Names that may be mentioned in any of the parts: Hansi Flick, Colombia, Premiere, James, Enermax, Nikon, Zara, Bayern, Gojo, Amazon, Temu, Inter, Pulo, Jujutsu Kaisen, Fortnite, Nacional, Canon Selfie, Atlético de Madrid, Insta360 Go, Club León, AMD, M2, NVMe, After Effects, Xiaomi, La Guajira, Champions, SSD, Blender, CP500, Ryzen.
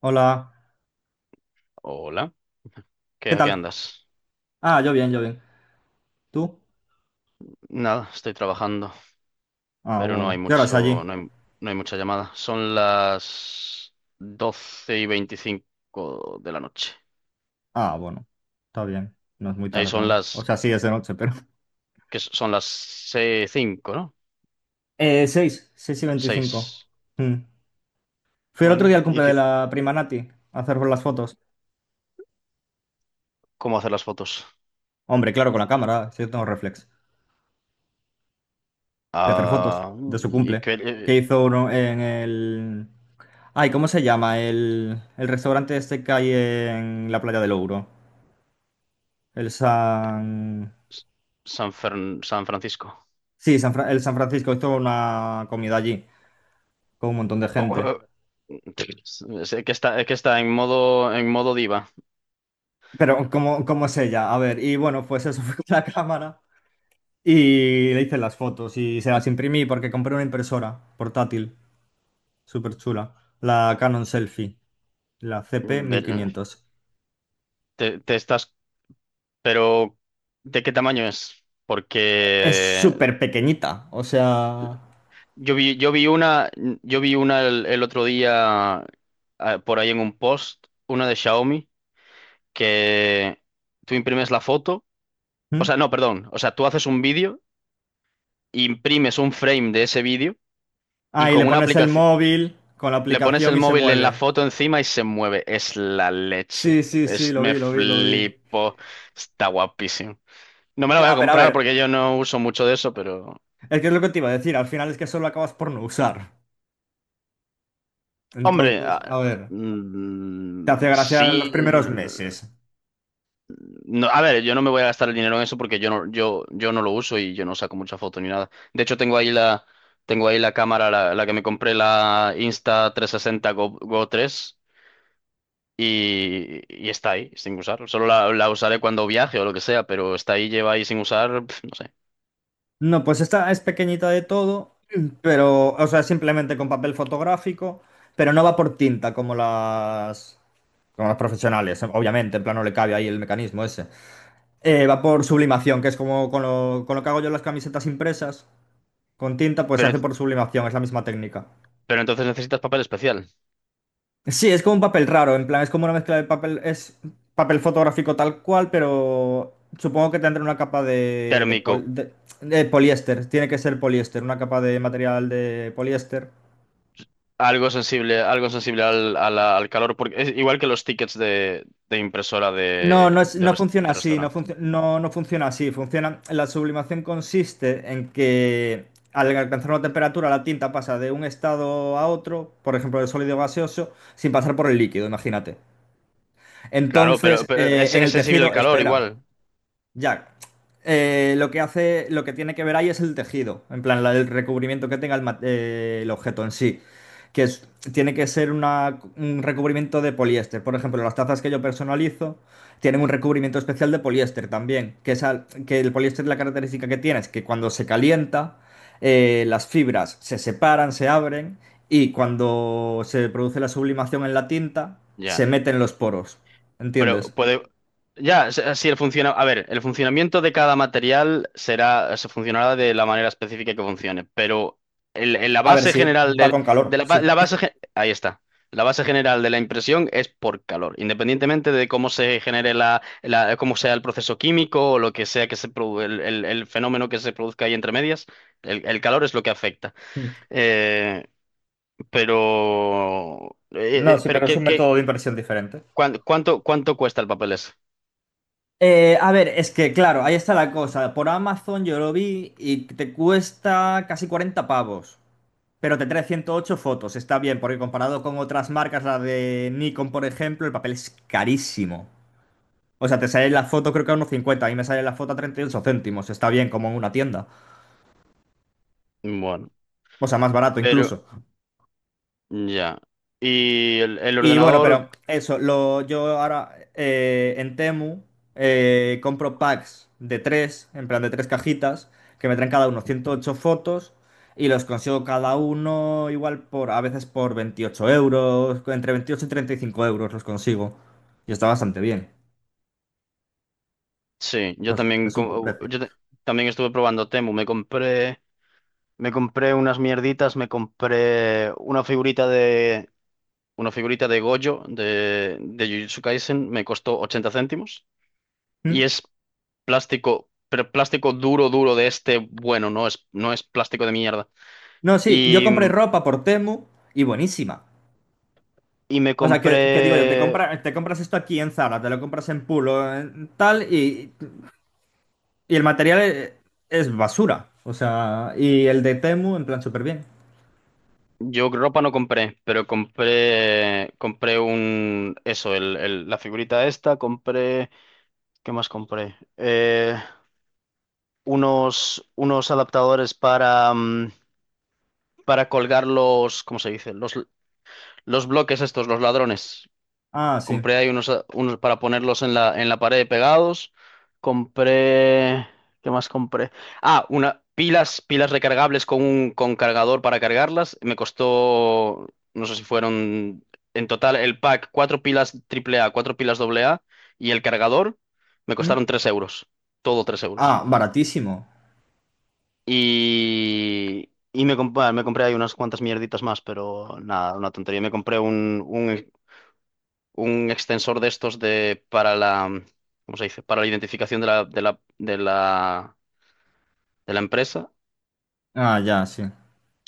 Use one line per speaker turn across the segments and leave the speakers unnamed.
Hola,
Hola. ¿qué,
¿qué
a qué
tal?
andas?
Ah, yo bien, yo bien. ¿Tú?
Nada, estoy trabajando,
Ah,
pero no hay
bueno. ¿Qué hora es
mucho,
allí?
no hay mucha llamada. Son las 12:25 de la noche.
Ah, bueno. Está bien. No es muy
Ahí
tarde
son
aún. O
las,
sea, sí, es de noche, pero.
que son las se- 5, ¿no?
Seis y 25.
6.
Mm. Fui el otro
Bueno,
día al
¿y
cumple de
qué,
la prima Nati a hacer las fotos.
cómo hacer las fotos?
Hombre, claro, con la cámara, si yo tengo reflex. Voy a hacer fotos
Ah,
de su
¿y
cumple.
qué,
Que
eh,
hizo uno en el. Ay, ¿cómo se llama? El restaurante este que hay en la playa del Ouro. El San.
San Francisco.
Sí, el San Francisco hizo una comida allí con un montón de gente.
¿Cómo- Sé que está en modo diva.
Pero ¿cómo es ella? A ver, y bueno, pues eso fue la cámara y le hice las fotos y se las imprimí porque compré una impresora portátil, súper chula, la Canon Selfie, la cp
Ve-
quinientos
Te estás Pero, ¿de qué tamaño es?
Es
Porque
súper pequeñita, o sea.
yo vi, yo vi una, yo vi una el otro día, por ahí en un post, una de Xiaomi, que tú imprimes la foto. O
¿Mm?
sea, no, perdón, o sea, tú haces un vídeo, imprimes un frame de ese vídeo, y
Ah, y le
con una
pones el
aplicación
móvil con la
le pones
aplicación
el
y se
móvil en la
mueve.
foto encima y se mueve. Es la leche.
Sí, sí, sí, lo
Me
vi, lo vi, lo vi.
flipo. Está guapísimo. No me la voy a
Ya, pero a
comprar
ver,
porque yo no uso mucho de eso, pero...
es que es lo que te iba a decir, al final es que eso lo acabas por no usar.
Hombre,
Entonces, a ver, te hace gracia los
sí.
primeros meses.
No, a ver, yo no me voy a gastar el dinero en eso porque yo no, yo no lo uso y yo no saco mucha foto ni nada. De hecho, tengo ahí la cámara, la que me compré, la Insta360 Go tres, y está ahí, sin usar. Solo la usaré cuando viaje o lo que sea, pero está ahí, lleva ahí sin usar, no sé.
No, pues esta es pequeñita de todo, pero, o sea, simplemente con papel fotográfico, pero no va por tinta como las, profesionales, obviamente, en plan no le cabe ahí el mecanismo ese. Va por sublimación, que es como con lo que hago yo las camisetas impresas, con tinta, pues se
Pero,
hace
ent-
por sublimación, es la misma técnica.
pero entonces necesitas papel especial,
Sí, es como un papel raro, en plan, es como una mezcla de papel, es papel fotográfico tal cual, pero supongo que tendrá una capa de, de,
térmico.
pol- de- de poliéster, tiene que ser poliéster, una capa de material de poliéster.
Algo sensible al calor, porque es igual que los tickets de impresora
No, no es, no funciona
de
así, no,
restaurante.
no, no funciona así, funciona, la sublimación consiste en que al alcanzar una temperatura la tinta pasa de un estado a otro, por ejemplo, de sólido a gaseoso, sin pasar por el líquido, imagínate.
Claro, pero,
Entonces, en
es
el
sensible al
tejido,
calor
espera.
igual.
Ya. Lo que hace, lo que tiene que ver ahí es el tejido, en plan, el recubrimiento que tenga el objeto en sí, que es- tiene que ser un recubrimiento de poliéster. Por ejemplo, las tazas que yo personalizo tienen un recubrimiento especial de poliéster también, que el poliéster la característica que tiene es que cuando se calienta, las fibras se separan, se abren y cuando se produce la sublimación en la tinta,
Ya.
se meten los poros.
Pero
¿Entiendes?
puede, Ya, si el funciona, a ver, el funcionamiento de cada material será, se funcionará de la manera específica que funcione, pero la
A ver
base
si
general
va
del,
con
de
calor,
la, ba-
sí.
la base general de la impresión es por calor, independientemente de cómo se genere cómo sea el proceso químico o lo que sea, que se produ- el fenómeno que se produzca ahí entre medias. El el calor es lo que afecta. Eh, pero, eh,
No,
eh,
sí,
pero
pero es
¿qué,
un
qué-
método de impresión diferente.
¿cuánto, cuánto cuesta el papel ese?
A ver, es que claro, ahí está la cosa. Por Amazon yo lo vi y te cuesta casi 40 pavos, pero te trae 108 fotos. Está bien, porque comparado con otras marcas, la de Nikon, por ejemplo, el papel es carísimo. O sea, te sale la foto creo que a unos 50, a mí me sale la foto a 38 céntimos. Está bien, como en una tienda.
Bueno.
O sea, más barato
pero
incluso.
Ya. Y el
Y bueno,
ordenador.
pero eso, lo, yo ahora en Temu compro packs de tres, en plan de tres cajitas, que me traen cada uno 108 fotos y los consigo cada uno igual por, a veces por 28 euros, entre 28 y 35 euros los consigo. Y está bastante bien.
Sí, yo
Es,
también,
es un buen precio.
también estuve probando Temu. Me compré unas mierditas, me compré una figurita de Gojo de Jujutsu Kaisen, me costó 80 céntimos. Y
¿Mm?
es plástico, pero plástico duro, duro de este. Bueno, no es plástico de mierda.
No, sí, yo
Y,
compré ropa por Temu y buenísima.
y me
O sea, que digo yo, te
compré
compra- te compras esto aquí en Zara, te lo compras en Pulo, en tal. Y el material es basura. O sea, y el de Temu, en plan, súper bien.
Yo ropa no compré, pero compré un, eso, la figurita esta, compré. ¿Qué más compré? Unos adaptadores para colgar los, ¿cómo se dice? Los bloques estos, los ladrones.
Ah, sí.
Compré ahí unos para ponerlos en la pared pegados. Compré. ¿Qué más compré? Ah, una, pilas recargables con un con cargador para cargarlas. Me costó, no sé si fueron en total el pack, cuatro pilas triple A, cuatro pilas doble A y el cargador. Me
¿Mm?
costaron 3 euros. Todo 3 euros.
Ah, baratísimo.
Me compré ahí unas cuantas mierditas más, pero nada, una tontería. Me compré un extensor de estos, de para la, ¿cómo se dice? Para la identificación de la empresa.
Ah, ya, sí.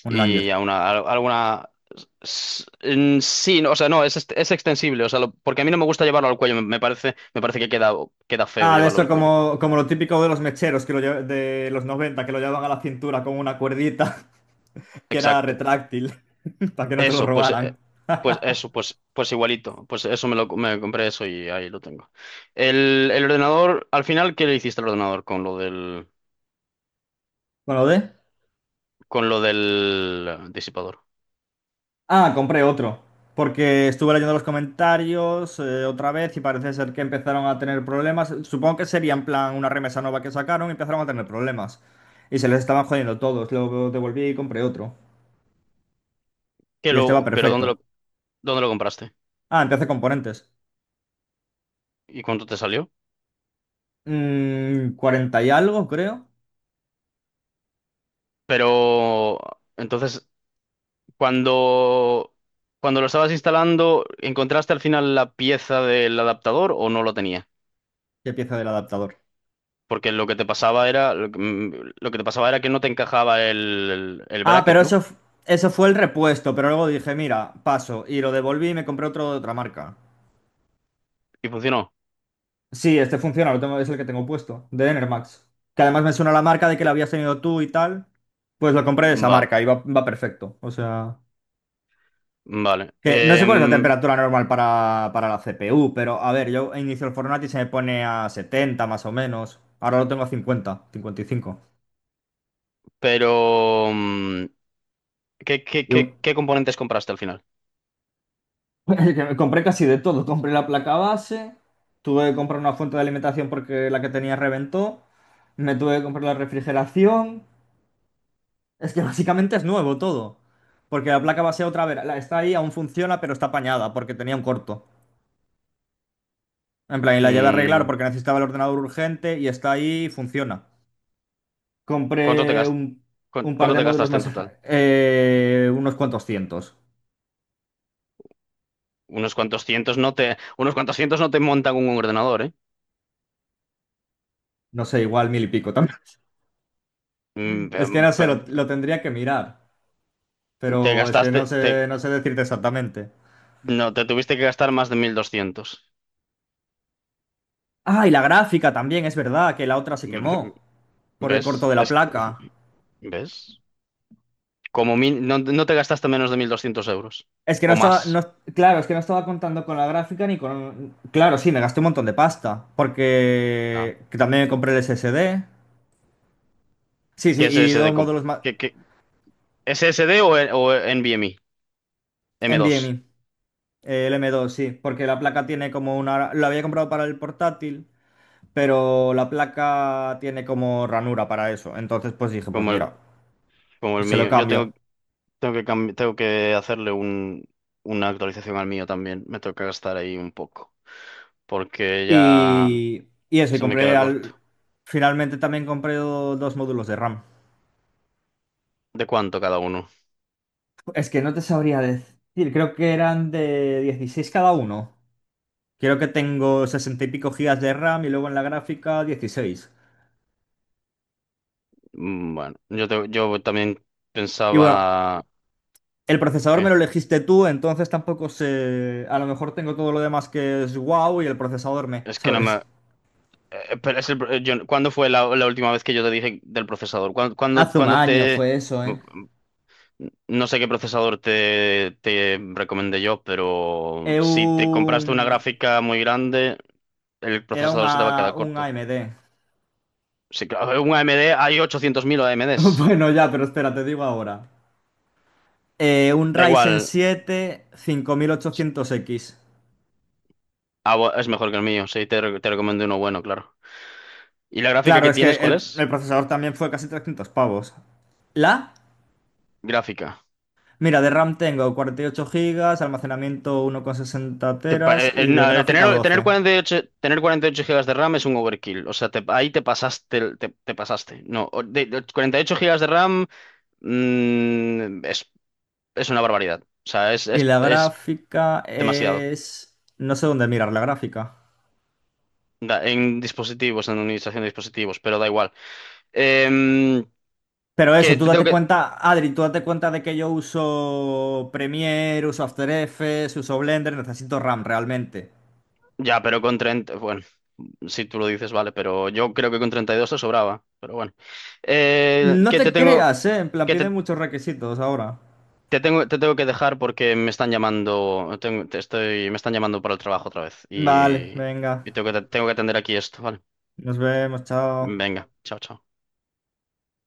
Un
Y
Langer.
a una, a alguna en sí, no, o sea, no, es, es extensible, o sea, porque a mí no me gusta llevarlo al cuello, me parece, que queda, queda feo
Ah, de
llevarlo
eso
al cuello.
como lo típico de los mecheros que de los 90 que lo llevaban a la cintura con una cuerdita que era
Exacto.
retráctil, para que no te lo
Eso, pues
robaran.
pues eso, pues pues igualito, pues eso me compré eso y ahí lo tengo. El ordenador, al final, ¿qué le hiciste al ordenador con lo del,
Bueno, ¿de?
disipador?
Ah, compré otro. Porque estuve leyendo los comentarios otra vez y parece ser que empezaron a tener problemas. Supongo que sería en plan una remesa nueva que sacaron y empezaron a tener problemas. Y se les estaban jodiendo todos. Lo devolví y compré otro.
Qué
Y este va
lo, pero ¿dónde lo
perfecto.
¿Dónde lo compraste?
Ah, empecé componentes.
¿Y cuánto te salió?
40 y algo, creo.
Pero entonces, cuando, cuando lo estabas instalando, ¿encontraste al final la pieza del adaptador o no lo tenía?
Y pieza del adaptador.
Porque lo que te pasaba era que no te encajaba
Ah,
bracket,
pero eso,
¿no?
eso fue el repuesto. Pero luego dije, mira, paso. Y lo devolví y me compré otro de otra marca.
Y funcionó.
Sí, este funciona, lo tengo, es el que tengo puesto, de Enermax. Que además me suena la marca de que la habías tenido tú y tal. Pues lo compré de esa
Vale,
marca y va perfecto. O sea,
vale.
que no sé cuál es la temperatura normal para la CPU, pero a ver, yo inicio el Fortnite y se me pone a 70 más o menos. Ahora lo tengo a 50, 55.
Pero, mm,
Yo
¿Qué componentes compraste al final?
que me compré casi de todo. Compré la placa base, tuve que comprar una fuente de alimentación porque la que tenía reventó, me tuve que comprar la refrigeración. Es que básicamente es nuevo todo. Porque la placa base otra vez, está ahí, aún funciona, pero está apañada porque tenía un corto. En plan, y la llevé a arreglar
Mm,
porque necesitaba el ordenador urgente y está ahí y funciona.
¿cuánto te
Compré
gas-
un, un par
¿Cuánto
de
te
módulos
gastaste en
más,
total?
unos cuantos cientos.
Unos cuantos cientos no te montan un ordenador, ¿eh?
No sé, igual mil y pico también.
Mm,
Es que
em,
no sé, lo,
pe-
lo tendría que mirar.
Te
Pero es que no
gastaste, te,
sé, no sé decirte exactamente.
no, te tuviste que gastar más de 1200.
Ah, y la gráfica también, es verdad, que la otra se
Mm,
quemó por el corto
¿Ves?
de la placa.
¿Ves? No, no te gastaste menos de 1200 euros
Es que no
o
estaba, no,
más.
claro, es que no estaba contando con la gráfica ni con. Claro, sí, me gasté un montón de pasta,
Ah.
porque que también me compré el SSD. Sí, sí,
¿Qué es
y
SSD?
dos módulos más.
¿Qué, qué, ¿SSD o NVMe? M2,
NVMe, el M.2, sí, porque la placa tiene como una. Lo había comprado para el portátil, pero la placa tiene como ranura para eso. Entonces, pues dije, pues
como el,
mira,
como el
se lo
mío.
cambio.
Tengo que tengo que hacerle una actualización al mío también. Me toca gastar ahí un poco, porque ya
Y eso, y
se me
compré
queda corto.
al. Finalmente también compré dos módulos de RAM.
¿De cuánto cada uno?
Es que no te sabría decir, creo que eran de 16 cada uno. Creo que tengo 60 y pico gigas de RAM y luego en la gráfica 16.
Bueno, yo también
Y bueno,
pensaba
el procesador me
que
lo elegiste tú, entonces tampoco sé. A lo mejor tengo todo lo demás que es wow y el procesador me,
es que no me...
¿sabes?
Pero es el pro- yo- ¿Cuándo fue la última vez que yo te dije del procesador?
Hace un
¿Cuándo
año
te...
fue eso, ¿eh?
mm, No sé qué procesador te recomendé yo, pero
Eh,
si te compraste una
un-
gráfica muy grande, el
Era un,
procesador se te va a quedar
A- un
corto.
AMD.
Sí, claro, un AMD, hay 800.000 AMDs.
Bueno, ya, pero espera, te digo ahora. Un
Da
Ryzen
igual.
siete cinco mil ochocientos x
Ah, es mejor que el mío, sí, te recomiendo uno bueno, claro. ¿Y la gráfica
Claro,
que
es que
tienes, cuál
el,
es?
el procesador también fue casi 300 pavos. ¿La?
Gráfica.
Mira, de RAM tengo 48 GB, almacenamiento 1,60 teras y de
No, el
gráfica 12.
tener 48 gigas de RAM es un overkill. O sea, ahí te pasaste, te pasaste. No, de 48 gigas de RAM, mm, es, es una barbaridad. O sea,
Y la
es
gráfica
demasiado.
es. No sé dónde mirar la gráfica.
En administración de dispositivos, pero da igual. Em,
Pero
que
eso, tú
te tengo
date
que...
cuenta, Adri, tú date cuenta de que yo uso Premiere, uso After Effects, uso Blender, necesito RAM realmente.
Ya, pero con 30... Bueno, si tú lo dices, vale, pero yo creo que con 32 te sobraba. Pero bueno.
No
Que
te
te tengo...
creas, en plan, piden muchos requisitos ahora.
Te tengo que dejar porque me están llamando, me están llamando para el trabajo otra vez,
Vale, venga.
y tengo tengo que atender aquí esto, ¿vale?
Nos vemos, chao.
Venga, chao, chao.